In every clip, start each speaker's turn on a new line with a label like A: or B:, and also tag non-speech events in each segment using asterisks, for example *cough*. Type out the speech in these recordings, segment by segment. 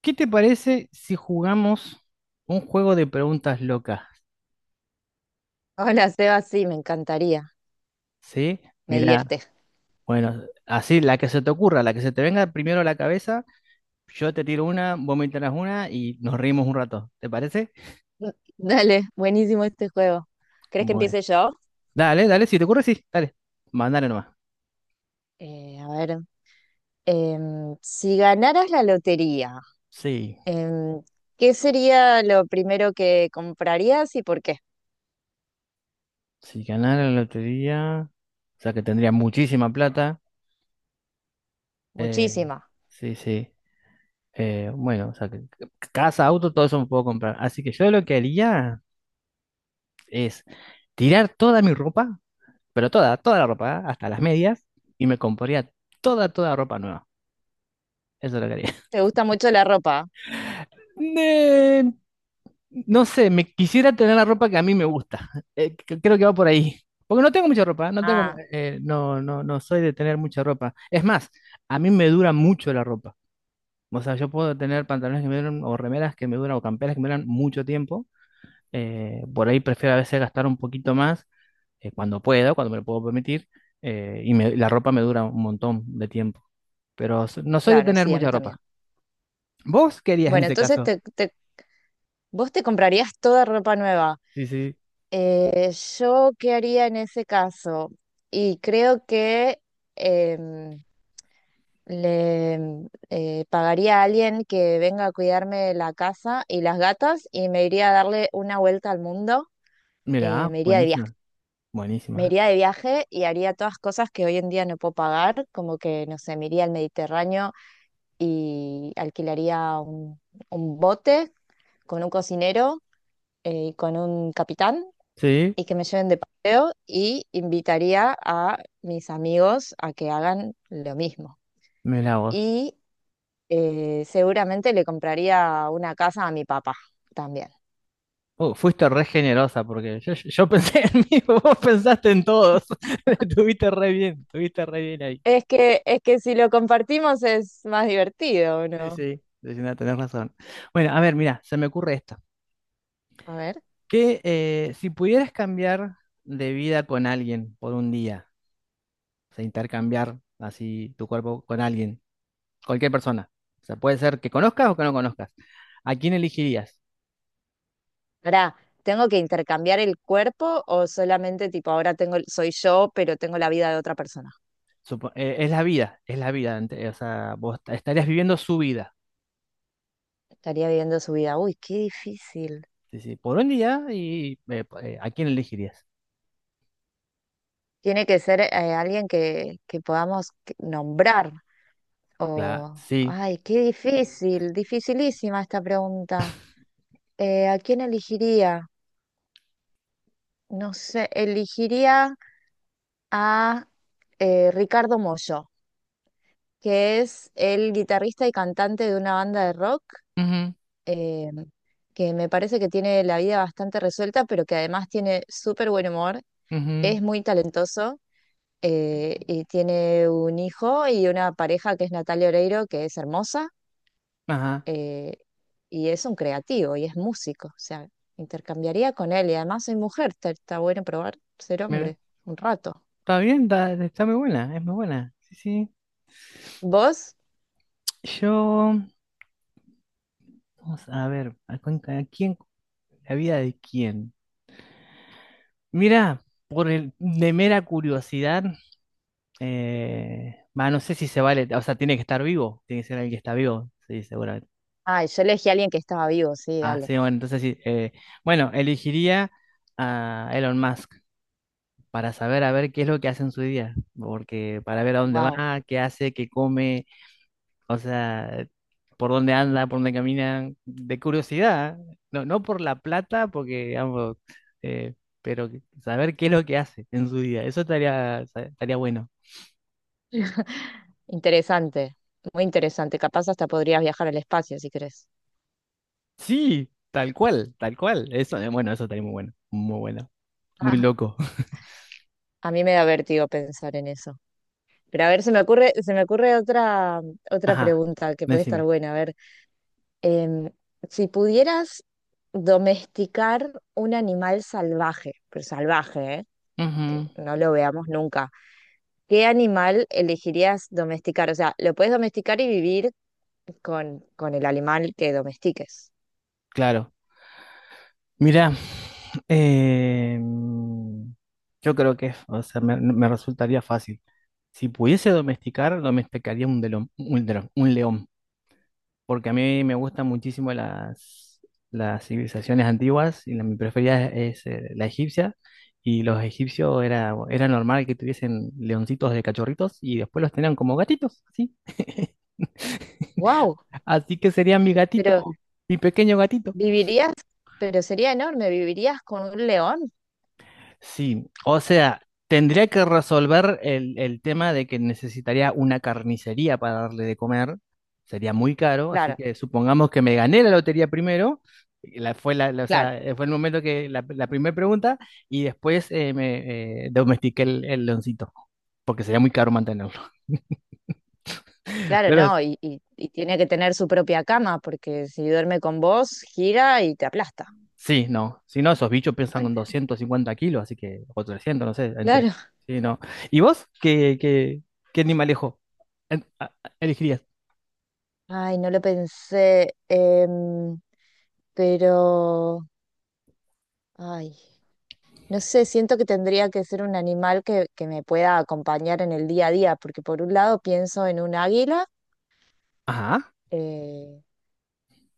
A: ¿Qué te parece si jugamos un juego de preguntas locas?
B: Hola, Seba, sí, me encantaría,
A: ¿Sí?
B: me
A: Mira,
B: divierte.
A: bueno, así la que se te ocurra, la que se te venga primero a la cabeza, yo te tiro una, vos me tiras una y nos reímos un rato. ¿Te parece?
B: *laughs* Dale, buenísimo este juego. ¿Crees que
A: Bueno,
B: empiece yo?
A: dale, dale, si te ocurre, sí, dale, mandale nomás.
B: Eh, a ver, si ganaras la lotería,
A: Sí,
B: em, ¿qué sería lo primero que comprarías y por qué?
A: si ganara la lotería, o sea que tendría muchísima plata. eh,
B: Muchísima.
A: sí, sí. Bueno, o sea que casa, auto, todo eso me puedo comprar. Así que yo lo que haría es tirar toda mi ropa. Pero toda, toda la ropa, ¿ah? Hasta las medias, y me compraría toda, toda ropa nueva. Eso es lo que haría.
B: ¿Te gusta mucho la ropa?
A: Eh, no sé, me quisiera tener la ropa que a mí me gusta. Creo que va por ahí. Porque no tengo mucha ropa, no tengo,
B: Ah,
A: no, no, no soy de tener mucha ropa. Es más, a mí me dura mucho la ropa. O sea, yo puedo tener pantalones que me duran, o remeras que me duran, o camperas que me duran mucho tiempo. Por ahí prefiero a veces gastar un poquito más cuando puedo, cuando me lo puedo permitir. Y la ropa me dura un montón de tiempo. Pero no soy de
B: claro,
A: tener
B: sí, a mí
A: mucha
B: también.
A: ropa. ¿Vos querías en
B: Bueno,
A: ese
B: entonces
A: caso?
B: te, te- vos te comprarías toda ropa nueva.
A: Sí, sí.
B: Eh, ¿Yo qué haría en ese caso? Y creo que... em, pagaría a alguien que venga a cuidarme la casa y las gatas y me iría a darle una vuelta al mundo.
A: Mira, ah,
B: Me iría de viaje.
A: buenísima,
B: Me
A: buenísima.
B: iría de viaje y haría todas cosas que hoy en día no puedo pagar, como que, no sé, me iría al Mediterráneo y alquilaría un bote con un cocinero y con un capitán
A: Sí,
B: y que me lleven de paseo y invitaría a mis amigos a que hagan lo mismo.
A: mira vos.
B: Y Seguramente le compraría una casa a mi papá también.
A: Fuiste re generosa porque yo *laughs* pensé en mí, *laughs* vos pensaste en todos. *laughs* Estuviste re bien ahí.
B: Es que si lo compartimos es más divertido, ¿o
A: Sí,
B: ¿no?
A: sí, sí, no, tenés razón. Bueno, a ver, mira, se me ocurre esto.
B: A ver.
A: Que si pudieras cambiar de vida con alguien por un día, o sea, intercambiar así tu cuerpo con alguien, cualquier persona. O sea, puede ser que conozcas o que no conozcas. ¿A quién elegirías?
B: Ahora, ¿tengo que intercambiar el cuerpo o solamente tipo ahora tengo, soy yo, pero tengo la vida de otra persona?
A: Es la vida, es la vida. O sea, vos estarías viviendo su vida.
B: Estaría viviendo su vida. Uy, qué difícil.
A: Sí, sí, por un día y ¿a quién elegirías?
B: Tiene que ser alguien que podamos nombrar.
A: Claro,
B: O,
A: sí.
B: ay, qué difícil, dificilísima esta pregunta. ¿A quién elegiría? No sé, elegiría. A Ricardo Mollo, que es el guitarrista y cantante de una banda de rock
A: Ujú,
B: eh, que me parece que tiene la vida bastante resuelta, pero que además tiene súper buen humor,
A: ujú,
B: es muy talentoso, y tiene un hijo y una pareja que es Natalia Oreiro, que es hermosa
A: ajá.
B: eh, y es un creativo y es músico, o sea, intercambiaría con él y además soy mujer, está bueno probar ser
A: Mira,
B: hombre un rato.
A: está bien, está muy buena, es muy buena. Sí, sí.
B: ¿Vos?
A: Yo, vamos a ver, ¿a quién, la vida de quién? Mira, de mera curiosidad. Bah, no sé si se vale, o sea, tiene que estar vivo, tiene que ser alguien que está vivo, sí, seguramente.
B: Ay, yo elegí a alguien que estaba vivo, sí,
A: Ah,
B: dale.
A: sí, bueno, entonces sí. Bueno, elegiría a Elon Musk para saber a ver qué es lo que hace en su día, porque para ver a dónde
B: Wow,
A: va, qué hace, qué come, o sea, por dónde anda, por dónde camina, de curiosidad, ¿eh? No, no por la plata, porque digamos, eh, pero saber qué es lo que hace en su día, eso estaría bueno.
B: interesante, muy interesante. Capaz hasta podrías viajar al espacio si querés.
A: Sí, tal cual, tal cual. Eso estaría muy bueno, muy bueno, muy
B: Ah,
A: loco. *laughs*
B: a mí me da vértigo pensar en eso. Pero a ver, se me ocurre otra, otra
A: Ajá,
B: pregunta que puede estar
A: decime.
B: buena. A ver, em, si pudieras domesticar un animal salvaje, pero salvaje, ¿eh? Que
A: Ujú,
B: no lo veamos nunca, ¿qué animal elegirías domesticar? O sea, lo puedes domesticar y vivir con el animal que domestiques.
A: claro. Mira, eh, yo creo que, o sea, me resultaría fácil. Si pudiese domesticar, domesticaría un león. Porque a mí me gustan muchísimo las civilizaciones antiguas y mi preferida es la egipcia. Y los egipcios era normal que tuviesen leoncitos de cachorritos y después los tenían como gatitos, así. *laughs*
B: Wow,
A: Así que sería mi gatito,
B: pero
A: mi pequeño gatito.
B: Vivirías, pero sería enorme, vivirías con un león.
A: Sí, o sea, tendría que resolver el tema de que necesitaría una carnicería para darle de comer. Sería muy caro, así
B: Claro,
A: que supongamos que me gané la lotería primero. Y La, fue, la- o
B: claro,
A: sea, fue el momento que la primera pregunta. Y después me domestiqué el leoncito, porque sería muy caro mantenerlo. *laughs*
B: claro,
A: Pero
B: no, y tiene que tener su propia cama, porque si duerme con vos, gira y te aplasta.
A: sí, no, si no, esos bichos pesan con
B: *laughs*
A: 250 kilos, así que, o 300, no sé, entre,
B: Claro.
A: sí, no. ¿Y vos qué animalejo eh, a- elegirías?
B: Ay, no lo pensé, pero, ay, no sé, siento que tendría que ser un animal que me pueda acompañar en el día a día, porque por un lado pienso en un águila,
A: Ajá.
B: eh,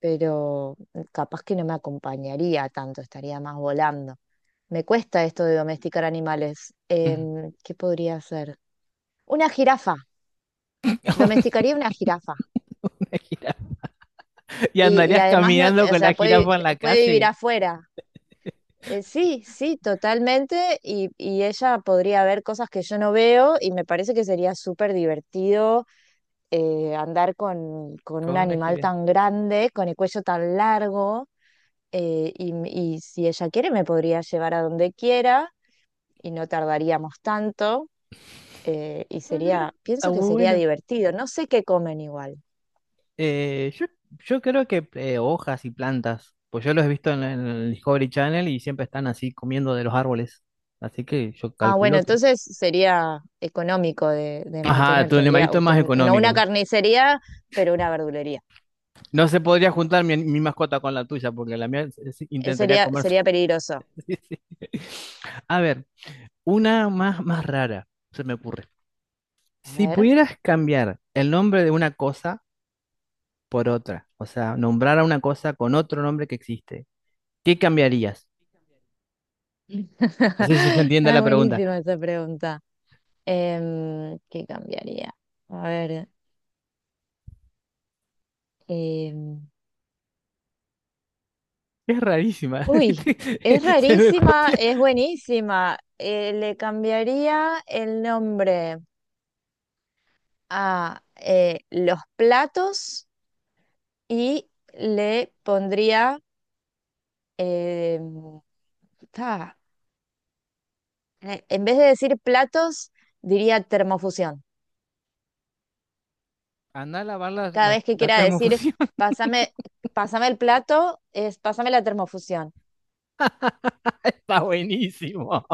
B: pero capaz que no me acompañaría tanto, estaría más volando. Me cuesta esto de domesticar animales.
A: Ujú.
B: ¿Qué podría hacer? Una jirafa.
A: *laughs*
B: Domesticaría una jirafa.
A: Una jirafa. Y
B: Y
A: andarías
B: además, no,
A: caminando
B: o
A: con la
B: sea,
A: jirafa en la
B: puede vivir
A: calle.
B: afuera. Sí, sí, totalmente. Y ella podría ver cosas que yo no veo y me parece que sería súper divertido andar con un
A: Con una
B: animal
A: jirafa.
B: tan grande, con el cuello tan largo. Y si ella quiere me podría llevar a donde quiera y no tardaríamos tanto y
A: Está bien,
B: sería,
A: está
B: pienso que
A: muy
B: sería
A: bueno.
B: divertido, no sé qué comen igual.
A: Eh, yo, yo creo que hojas y plantas. Pues yo los he visto en el Discovery Channel y siempre están así comiendo de los árboles. Así que yo
B: Ah, bueno,
A: calculo que.
B: entonces sería económico de
A: Ajá,
B: mantener,
A: tu
B: tendría,
A: animalito
B: o
A: es más
B: ten- no una
A: económico.
B: carnicería, pero una verdulería.
A: No se podría juntar mi mascota con la tuya, porque la mía intentaría
B: Sería,
A: comerse.
B: sería peligroso.
A: *laughs* Sí, sí. A ver, una más, más rara, se me ocurre.
B: A
A: Si
B: ver.
A: pudieras cambiar el nombre de una cosa por otra, o sea, nombrar a una cosa con otro nombre que existe, ¿qué cambiarías? No sé si se
B: *laughs*
A: entiende
B: Es
A: la pregunta.
B: buenísima esa pregunta. ¿Qué cambiaría? A ver, em,
A: Es rarísima. *laughs*
B: uy,
A: ¿viste?
B: es
A: Se me
B: rarísima,
A: ocurrió.
B: es buenísima. Le cambiaría el nombre a los platos y le pondría, eh, ta, en vez de decir platos, diría termofusión.
A: Andá a lavar la,
B: Cada
A: los-
B: vez que
A: la
B: quiera decir,
A: termofusión.
B: pásame, pásame el plato, es pásame la termofusión.
A: *laughs* Está buenísimo.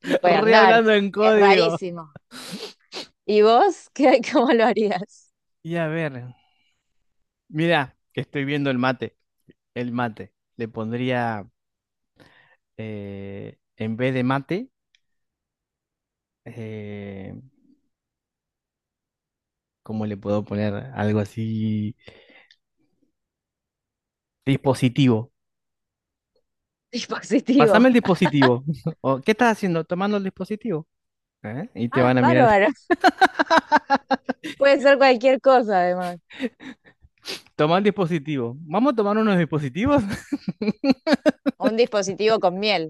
B: Y puede
A: Re
B: andar,
A: hablando en
B: es
A: código.
B: rarísimo. ¿Y vos qué, *laughs* cómo lo harías?
A: Y a ver, mira, que estoy viendo el mate. El mate. Le pondría, en vez de mate, eh, ¿cómo le puedo poner algo así? Dispositivo.
B: *laughs* Dispositivo.
A: Pásame el dispositivo. *laughs* O, ¿qué estás haciendo? Tomando el dispositivo. ¿Eh? Y te
B: Ah,
A: van a mirar.
B: bárbaro. Puede ser cualquier cosa, además.
A: Toma el dispositivo. Vamos a tomar unos dispositivos. *laughs*
B: O un dispositivo con miel.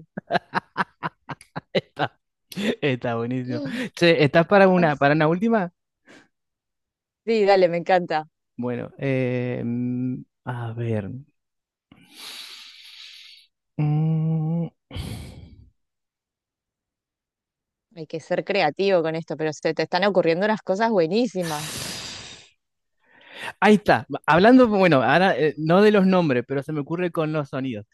A: Está buenísimo.
B: *gasps*
A: Che, ¿estás para una última?
B: Sí, dale, me encanta.
A: Bueno, a ver. Mm.
B: Hay que ser creativo con esto, pero se te están ocurriendo unas cosas buenísimas.
A: Ahí está. Hablando, bueno, ahora no de los nombres, pero se me ocurre con los sonidos.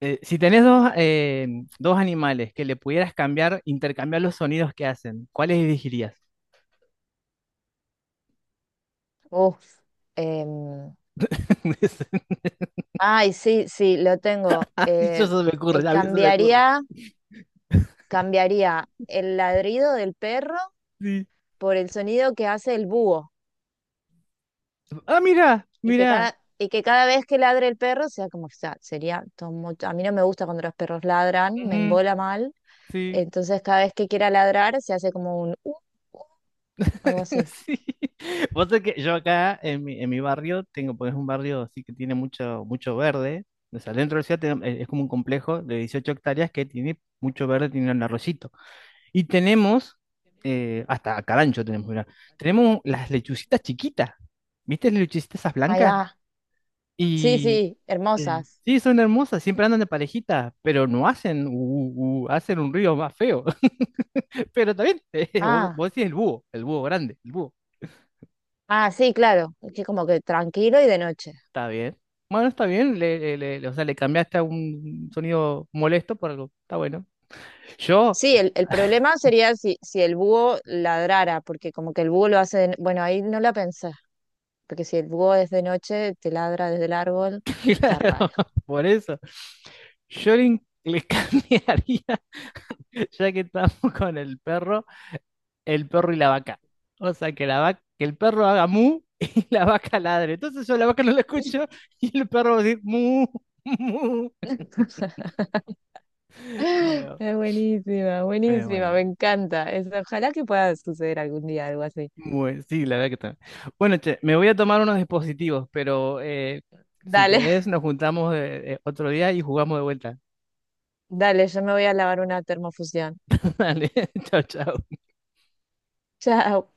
A: Si tenés dos animales que le pudieras cambiar, intercambiar los sonidos que hacen, ¿cuáles elegirías?
B: Uf. em,
A: *laughs*
B: Ay, sí, sí, lo tengo.
A: Y eso se me ocurre,
B: Eh,
A: ya a mí se me ocurre.
B: cambiaría, Cambiaría el ladrido del perro
A: Sí.
B: por el sonido que hace el búho.
A: Ah, mira, mira.
B: Y que cada vez que ladre el perro sea como, o sea, sería todo mucho. A mí no me gusta cuando los perros ladran, me
A: Ujú,
B: embola mal.
A: sí.
B: Entonces cada vez que quiera ladrar se hace como un algo
A: *laughs*
B: así.
A: Sí. Vos sabés que yo acá en mi barrio tengo, pues es un barrio así que tiene mucho, mucho verde. O sea, dentro de la ciudad es como un complejo de 18 hectáreas que tiene mucho verde, tiene un arroyito. Y tenemos, hasta carancho tenemos, mirá. Tenemos las lechucitas chiquitas. ¿Viste las lechucitas esas
B: Ahí
A: blancas?
B: va. Sí,
A: Y
B: sí,
A: Sí,
B: hermosas.
A: sí, son hermosas, siempre andan de parejita, pero no hacen, hacen un ruido más feo. *laughs* Pero está bien, *laughs* vos,
B: Ah,
A: vos decís el búho grande, el búho.
B: ah, sí, claro. Es que como que tranquilo y de noche.
A: Está bien. Bueno, está bien, o sea, le cambiaste a un sonido molesto por algo. Está bueno. Yo,
B: Sí, el problema sería si, si el búho ladrara, porque como que el búho lo hace de... no, bueno, ahí no la pensé, porque si el búho es de noche, te ladra desde el árbol,
A: *laughs*
B: está
A: claro,
B: raro.
A: por eso. Yo le cambiaría, *laughs* ya que estamos con el perro. El perro y la vaca. O sea, que el perro haga mu *laughs* y la vaca ladre. Entonces yo la vaca no la escucho y el perro va a decir mu, *laughs* mu. No,
B: Es buenísima,
A: pero
B: buenísima,
A: bueno.
B: me encanta. Es- ojalá que pueda suceder algún día algo así.
A: Bueno, sí, la verdad que está. Bueno, che, me voy a tomar unos dispositivos, pero si
B: Dale,
A: querés
B: *laughs*
A: nos juntamos otro día y jugamos de vuelta.
B: dale, yo me voy a lavar una termofusión.
A: *laughs* Dale, *laughs* chao, chao.
B: Chao.